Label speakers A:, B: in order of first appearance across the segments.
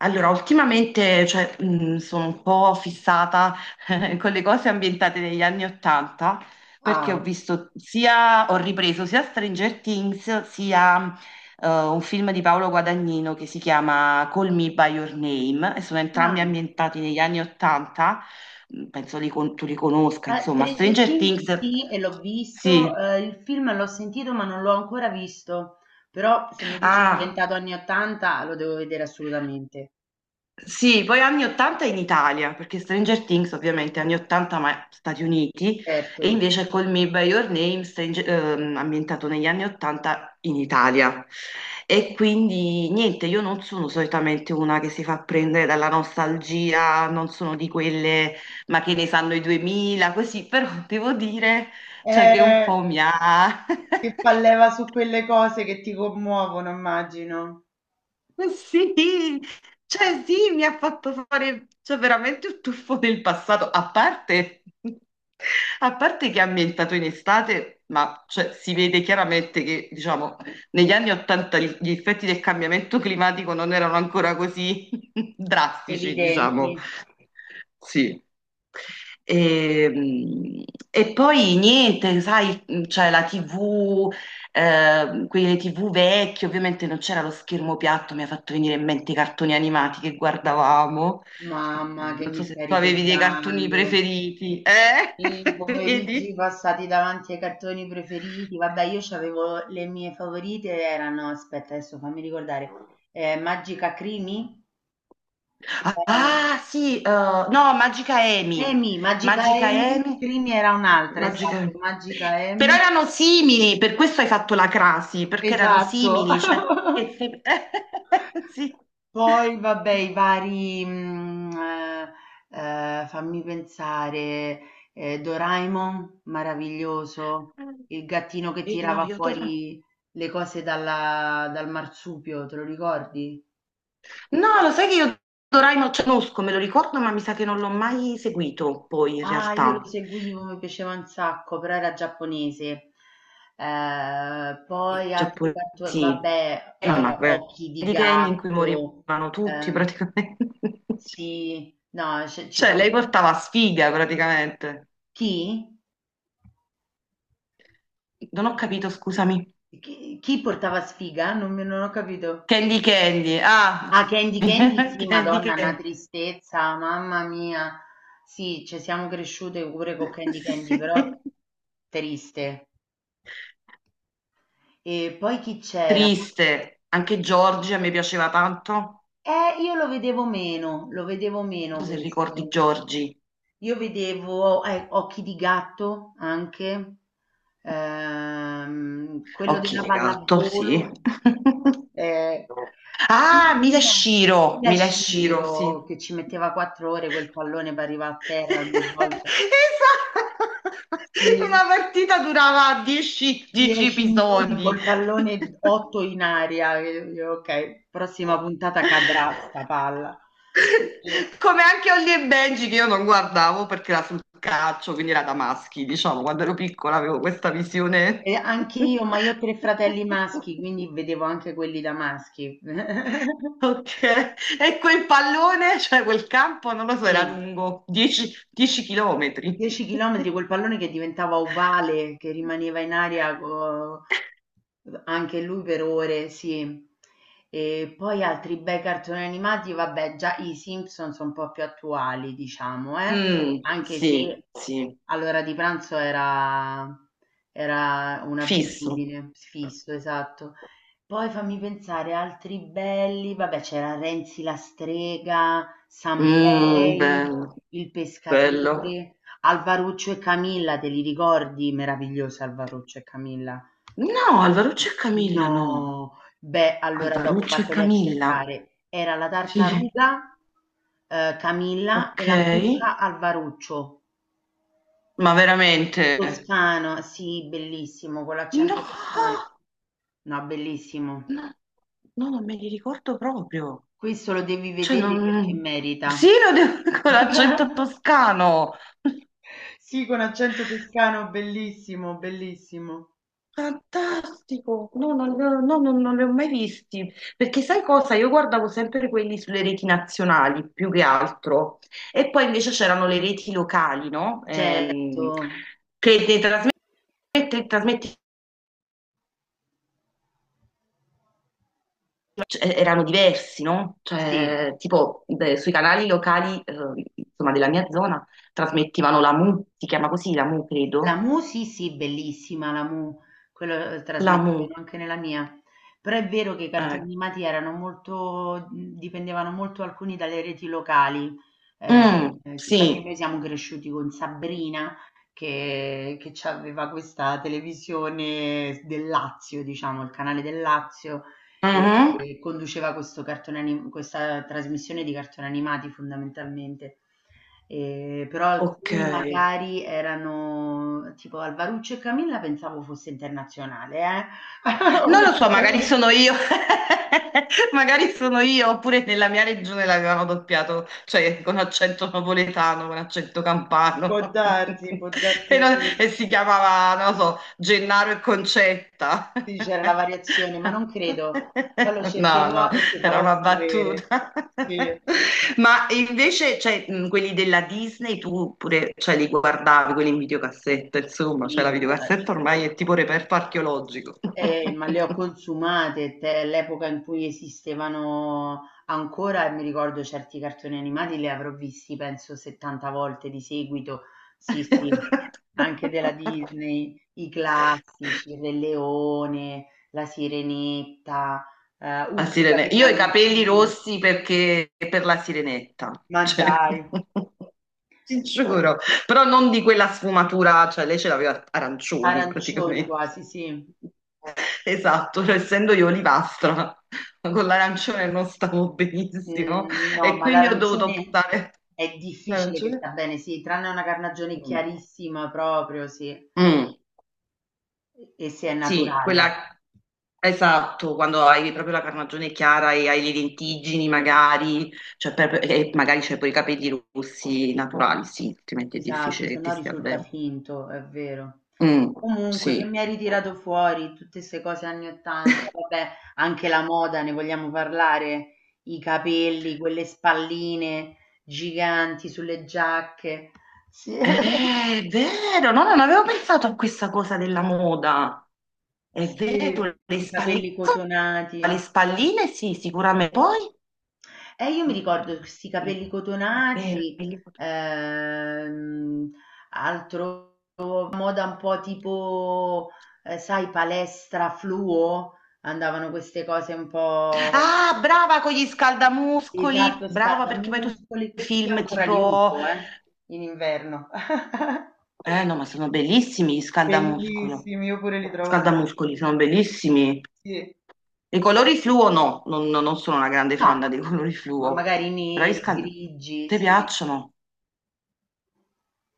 A: Allora, ultimamente, cioè, sono un po' fissata con le cose ambientate negli anni Ottanta, perché
B: Ah,
A: ho ripreso sia Stranger Things, sia un film di Paolo Guadagnino che si chiama Call Me by Your Name, e sono entrambi
B: ah,
A: ambientati negli anni Ottanta. Penso tu li conosca,
B: eh,
A: insomma,
B: Stranger
A: Stranger
B: Things
A: Things,
B: sì, e l'ho visto.
A: sì.
B: Il film l'ho sentito, ma non l'ho ancora visto. Però se mi dici è
A: Ah,
B: diventato anni 80, lo devo vedere assolutamente,
A: sì, poi anni 80 in Italia, perché Stranger Things ovviamente anni 80 ma Stati Uniti, e
B: certo.
A: invece Call Me By Your Name, ambientato negli anni 80 in Italia. E quindi niente, io non sono solitamente una che si fa prendere dalla nostalgia, non sono di quelle "ma che ne sanno i 2000", così, però devo dire, cioè che un
B: Eh,
A: po' mi ha.
B: che fa leva su quelle cose che ti commuovono, immagino.
A: Sì, cioè sì, mi ha fatto fare, cioè, veramente un tuffo nel passato. A parte, a parte che è ambientato in estate, ma, cioè, si vede chiaramente che, diciamo, negli anni Ottanta gli effetti del cambiamento climatico non erano ancora così drastici, diciamo.
B: Evidenti.
A: Sì. E, e poi niente, sai, c'è la TV, quelle TV vecchie, ovviamente non c'era lo schermo piatto, mi ha fatto venire in mente i cartoni animati che guardavamo.
B: Mamma, che
A: Non so
B: mi
A: se
B: stai
A: tu avevi dei cartoni
B: ricordando!
A: preferiti, eh?
B: I pomeriggi
A: Vedi?
B: passati davanti ai cartoni preferiti, vabbè, io c'avevo le mie favorite, erano, aspetta, adesso fammi ricordare, Magica Crimi,
A: Ah, sì, no, Magica Amy.
B: Amy, Magica
A: Magica
B: Amy.
A: Amy.
B: Crimi era un'altra,
A: Magica
B: esatto,
A: Amy.
B: Magica
A: Però
B: Amy,
A: erano simili, per questo hai fatto la crasi, perché erano
B: esatto.
A: simili, cioè... che se- Sì.
B: Poi vabbè, i vari, fammi pensare, Doraemon, meraviglioso, il gattino che
A: Vedi, no,
B: tirava
A: io Doraemon.
B: fuori le cose dalla dal marsupio, te lo ricordi?
A: No, lo sai che io Doraemon, cioè, conosco, me lo ricordo, ma mi sa che non l'ho mai seguito, poi, in
B: Ah, io lo
A: realtà.
B: seguivo, mi piaceva un sacco, però era giapponese. Poi
A: Cioè,
B: altri
A: poi,
B: cartoni,
A: sì.
B: vabbè,
A: No, no, quelle
B: Occhi di
A: di Candy in cui
B: gatto,
A: morivano tutti,
B: ehm,
A: praticamente.
B: sì, no, ce ci
A: Cioè,
B: sono.
A: lei portava sfiga praticamente.
B: Chi?
A: Non ho capito, scusami.
B: Chi portava sfiga? Non, non ho capito.
A: Candy Candy. Ah,
B: Ah, Candy Candy, sì,
A: Candy
B: Madonna, una
A: Candy.
B: tristezza, mamma mia. Sì, ci siamo cresciute pure con Candy Candy, però triste. E poi chi c'era?
A: Triste. Anche Giorgi a me piaceva tanto. Non
B: Io lo vedevo
A: so
B: meno
A: se ricordi
B: questo.
A: Giorgi.
B: Io vedevo, Occhi di gatto anche, quello
A: Occhi
B: della
A: di gatto, sì.
B: pallavolo. Eh, Come
A: Ah,
B: si chiama? Era
A: Mila e Shiro, sì.
B: Shiro che ci metteva 4 ore quel pallone per arrivare a terra ogni
A: Esatto.
B: volta. Sì,
A: Una partita durava 10
B: 10 minuti
A: episodi.
B: col pallone, otto in aria. Ok, prossima puntata cadrà sta palla. Sì.
A: Come anche Holly e Benji che io non guardavo perché era sul calcio, quindi era da maschi, diciamo, quando ero piccola avevo questa visione.
B: E anche io, ma io ho tre fratelli maschi, quindi vedevo anche quelli da maschi.
A: Ok, e quel pallone, cioè quel campo, non lo so, era
B: Sì,
A: lungo 10 chilometri.
B: 10 km col pallone che diventava ovale, che rimaneva in aria V anche lui per ore, sì. E poi altri bei cartoni animati, vabbè, già i Simpson sono un po' più attuali, diciamo, eh.
A: Mm,
B: Anche
A: sì,
B: se
A: sì,
B: all'ora di pranzo era,
A: fisso.
B: un'abitudine fisso, esatto. Poi fammi pensare, altri belli, vabbè c'era Renzi la strega,
A: Mm,
B: Sanpei,
A: bello,
B: il
A: bello.
B: pescatore, Alvaruccio e Camilla, te li ricordi? Meraviglioso Alvaruccio e Camilla.
A: No, Alvaruccio e Camilla, no.
B: No, beh, allora dopo
A: Alvaruccio e
B: vatteli a
A: Camilla.
B: cercare. Era la
A: Sì,
B: tartaruga, Camilla e
A: ok.
B: la mucca al Varuccio.
A: Ma veramente?
B: Toscano, sì, bellissimo, con
A: No,
B: l'accento toscano. No,
A: no,
B: bellissimo.
A: no, non me li ricordo proprio.
B: Questo lo devi
A: Cioè,
B: vedere perché
A: non...
B: merita.
A: Sì, lo devo con l'accento toscano.
B: Sì, con accento toscano, bellissimo, bellissimo.
A: Fantastico. No, non, no, no, no, non li ho mai visti. Perché sai cosa? Io guardavo sempre quelli sulle reti nazionali, più che altro. E poi invece c'erano le reti locali, no?
B: Certo,
A: Che ne trasmette- trasmette- cioè, erano diversi, no?
B: sì.
A: Cioè, tipo, beh, sui canali locali, insomma, della mia zona, trasmettevano la Mu, si chiama così, la Mu,
B: La
A: credo.
B: Mu sì, sì, bellissima la Mu, quello
A: La Mu.
B: trasmettevano anche nella mia. Però è vero che i cartoni
A: eh,
B: animati erano molto, dipendevano molto, alcuni, dalle reti locali. Eh,
A: Mm,
B: sì, infatti
A: sì,
B: noi siamo cresciuti con Sabrina che aveva questa televisione del Lazio, diciamo, il canale del Lazio, e
A: Mhm.
B: conduceva questo cartone anim questa trasmissione di cartoni animati, fondamentalmente. Però
A: Ok.
B: alcuni magari, erano tipo Alvaruccio e Camilla, pensavo fosse internazionale,
A: Non lo so, magari sono
B: onestamente.
A: io, magari sono io, oppure nella mia regione l'avevano doppiato, cioè con accento napoletano, con accento campano,
B: Può darsi sì.
A: e si chiamava, non lo so, Gennaro e Concetta.
B: Sì, c'era la variazione, ma non credo. Poi lo
A: No, no.
B: cercherò e ti
A: Era
B: farò
A: una
B: sapere.
A: battuta.
B: Sì.
A: Ma invece, cioè, quelli della Disney, tu pure, cioè, li guardavi, quelli in videocassetta, insomma, cioè la
B: Sì, brava, cioè.
A: videocassetta ormai è tipo reperto archeologico.
B: Ma le ho consumate, l'epoca in cui esistevano ancora, e mi ricordo certi cartoni animati li avrò visti penso 70 volte di seguito. Sì, sì, anche della Disney, i classici: il Re Leone, la Sirenetta, Hook,
A: Io ho i
B: Capitano
A: capelli
B: Uncino.
A: rossi perché per la sirenetta,
B: Ma
A: cioè,
B: dai,
A: ti giuro, però non di quella sfumatura, cioè lei ce l'aveva arancioni
B: arancioni
A: praticamente.
B: quasi, sì.
A: Esatto, cioè, essendo io olivastra, con l'arancione non stavo benissimo
B: Mhmm. No,
A: e
B: ma
A: quindi ho dovuto
B: l'arancione
A: optare.
B: è difficile che
A: L'arancione?
B: sta bene, sì, tranne una carnagione
A: Mm.
B: chiarissima proprio, sì, e
A: Mm.
B: se è
A: Sì,
B: naturale.
A: quella, esatto, quando hai proprio la carnagione chiara e hai le lentiggini magari, e magari c'hai poi i capelli rossi naturali, sì, altrimenti è
B: Esatto,
A: difficile
B: se
A: che ti
B: no
A: stia
B: risulta
A: bene.
B: finto, è vero.
A: Mm,
B: Comunque, che
A: sì.
B: mi hai ritirato fuori tutte 'ste cose anni '80! Vabbè, anche la moda, ne vogliamo parlare? I capelli, quelle spalline giganti sulle giacche. Sì,
A: Eh, È vero, no, non avevo pensato a questa cosa della moda. È vero,
B: sì, i capelli
A: le
B: cotonati.
A: spalline sì, sicuramente. Poi,
B: E io mi
A: il-
B: ricordo questi
A: sì,
B: capelli
A: è vero.
B: cotonati, ehm, altro, moda un po' tipo, sai, palestra fluo, andavano queste cose un po',
A: Ah, brava con gli scaldamuscoli,
B: esatto,
A: brava perché poi tu
B: scaldamuscoli.
A: sai
B: Io
A: film
B: ancora li
A: tipo.
B: uso, in inverno.
A: Eh no, ma sono bellissimi gli scaldamuscolo.
B: Bellissimi, io pure li trovo
A: Scaldamuscoli sono
B: bellissimi.
A: bellissimi.
B: Sì.
A: I colori fluo no, non sono una grande fan
B: Ah,
A: dei colori
B: ma
A: fluo,
B: magari
A: però gli
B: neri,
A: scaldamuscoli
B: grigi,
A: ti
B: sì.
A: piacciono?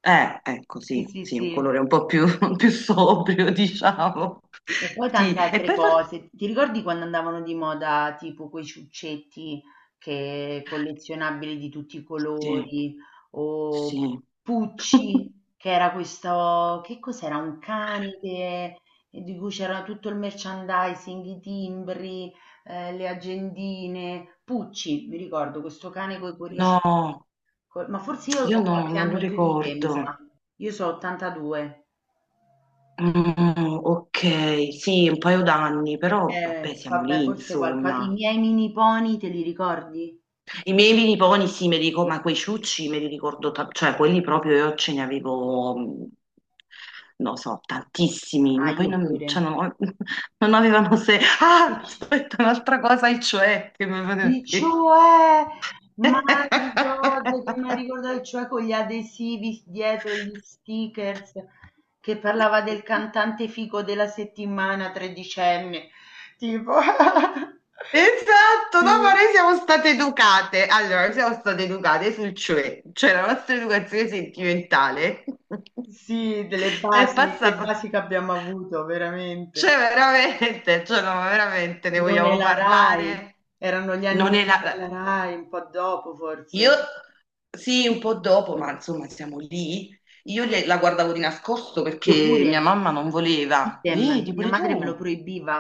A: Ecco,
B: Sì,
A: sì,
B: sì,
A: sì, un
B: sì.
A: colore un po' più, più sobrio, diciamo.
B: E poi
A: Sì,
B: tante
A: e
B: altre
A: poi far...
B: cose. Ti ricordi quando andavano di moda tipo quei ciuccetti, che collezionabili di tutti i
A: Sì,
B: colori, o
A: sì.
B: Pucci? Che era questo, che cos'era? Un cane di cui c'era tutto il merchandising, i timbri, le agendine. Pucci, mi ricordo, questo cane con i cuoricini.
A: No,
B: Ma forse io
A: io
B: ho
A: no,
B: qualche
A: non lo
B: anno più di te, mi
A: ricordo.
B: sa. Io so 82.
A: Mm, ok, sì, un paio d'anni, però vabbè, siamo
B: Vabbè,
A: lì,
B: forse qualcosa. I
A: insomma.
B: miei mini pony te li ricordi?
A: I miei miniponi, sì, me li ricordo, ma quei ciucci me li ricordo, cioè quelli proprio io ce ne avevo, mm, non so, tantissimi,
B: Ah,
A: ma poi
B: io
A: non,
B: pure.
A: cioè, non, non avevano se... Ah,
B: Dici?
A: aspetta, un'altra cosa, e cioè, che mi avevano
B: Il
A: detto.
B: cioè, my God, che mi ha ricordato il cioè con gli adesivi dietro, gli stickers, che parlava del cantante fico della settimana, tredicenne, tipo.
A: Esatto, no, ma
B: Sì,
A: noi siamo state educate. Allora, noi siamo state educate sul cioè, cioè la nostra educazione sentimentale
B: sì, delle
A: è passata.
B: basi che abbiamo avuto, veramente.
A: Cioè, veramente, cioè, no, ma veramente ne
B: Non è
A: vogliamo
B: la Rai,
A: parlare?
B: erano gli anni
A: Non
B: di
A: è la...
B: Non è la Rai, un po' dopo forse.
A: Io, sì, un po' dopo, ma insomma, siamo lì. Io la guardavo di nascosto
B: Io
A: perché
B: pure,
A: mia mamma non voleva.
B: idem,
A: Vedi,
B: mia
A: pure
B: madre me lo
A: tu,
B: proibiva,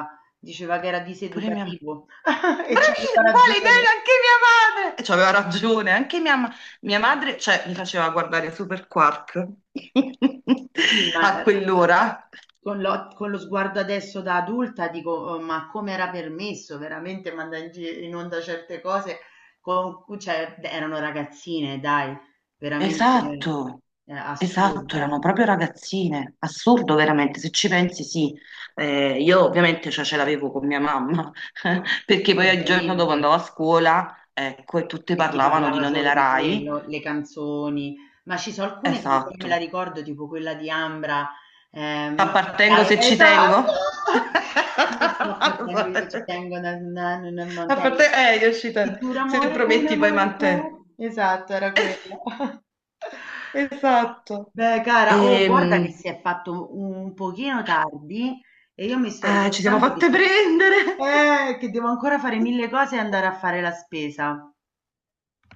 B: diceva che era
A: pure mia mamma.
B: diseducativo, e c'aveva
A: Bravi, uguale idea
B: ragione.
A: anche mia madre! E c'aveva ragione, anche mia, mia madre, cioè, mi faceva guardare Super Quark
B: Sì,
A: a
B: ma
A: quell'ora.
B: con lo sguardo adesso da adulta dico: "Oh, ma come era permesso veramente mandare in onda certe cose? Con, cioè, erano ragazzine, dai, veramente
A: Esatto, esatto, erano
B: assurdo!"
A: proprio ragazzine. Assurdo, veramente, se ci pensi, sì. Io ovviamente, cioè, ce l'avevo con mia mamma, perché poi il giorno dopo
B: Ovviamente.
A: andavo a scuola, ecco, e tutte
B: E si
A: parlavano di
B: parlava
A: Non
B: solo
A: la
B: di
A: Rai.
B: quello, le canzoni, ma ci sono alcune che ancora me la
A: Esatto.
B: ricordo, tipo quella di Ambra, ma
A: Appartengo se
B: dai,
A: ci
B: esatto!
A: tengo.
B: Mi sto portando, io ci tengo, na, na, na, na, ma
A: A parte,
B: tengo.
A: è
B: Ti
A: uscita,
B: giuro
A: se
B: amore, un
A: prometti poi
B: amore che
A: mantè.
B: è. Esatto, era quello.
A: Esatto.
B: Beh, cara, oh, guarda che
A: Ehm,
B: si è fatto un pochino tardi, e io mi sto
A: ah, ci siamo
B: ricordando che,
A: fatte prendere.
B: che devo ancora fare mille cose e andare a fare la spesa.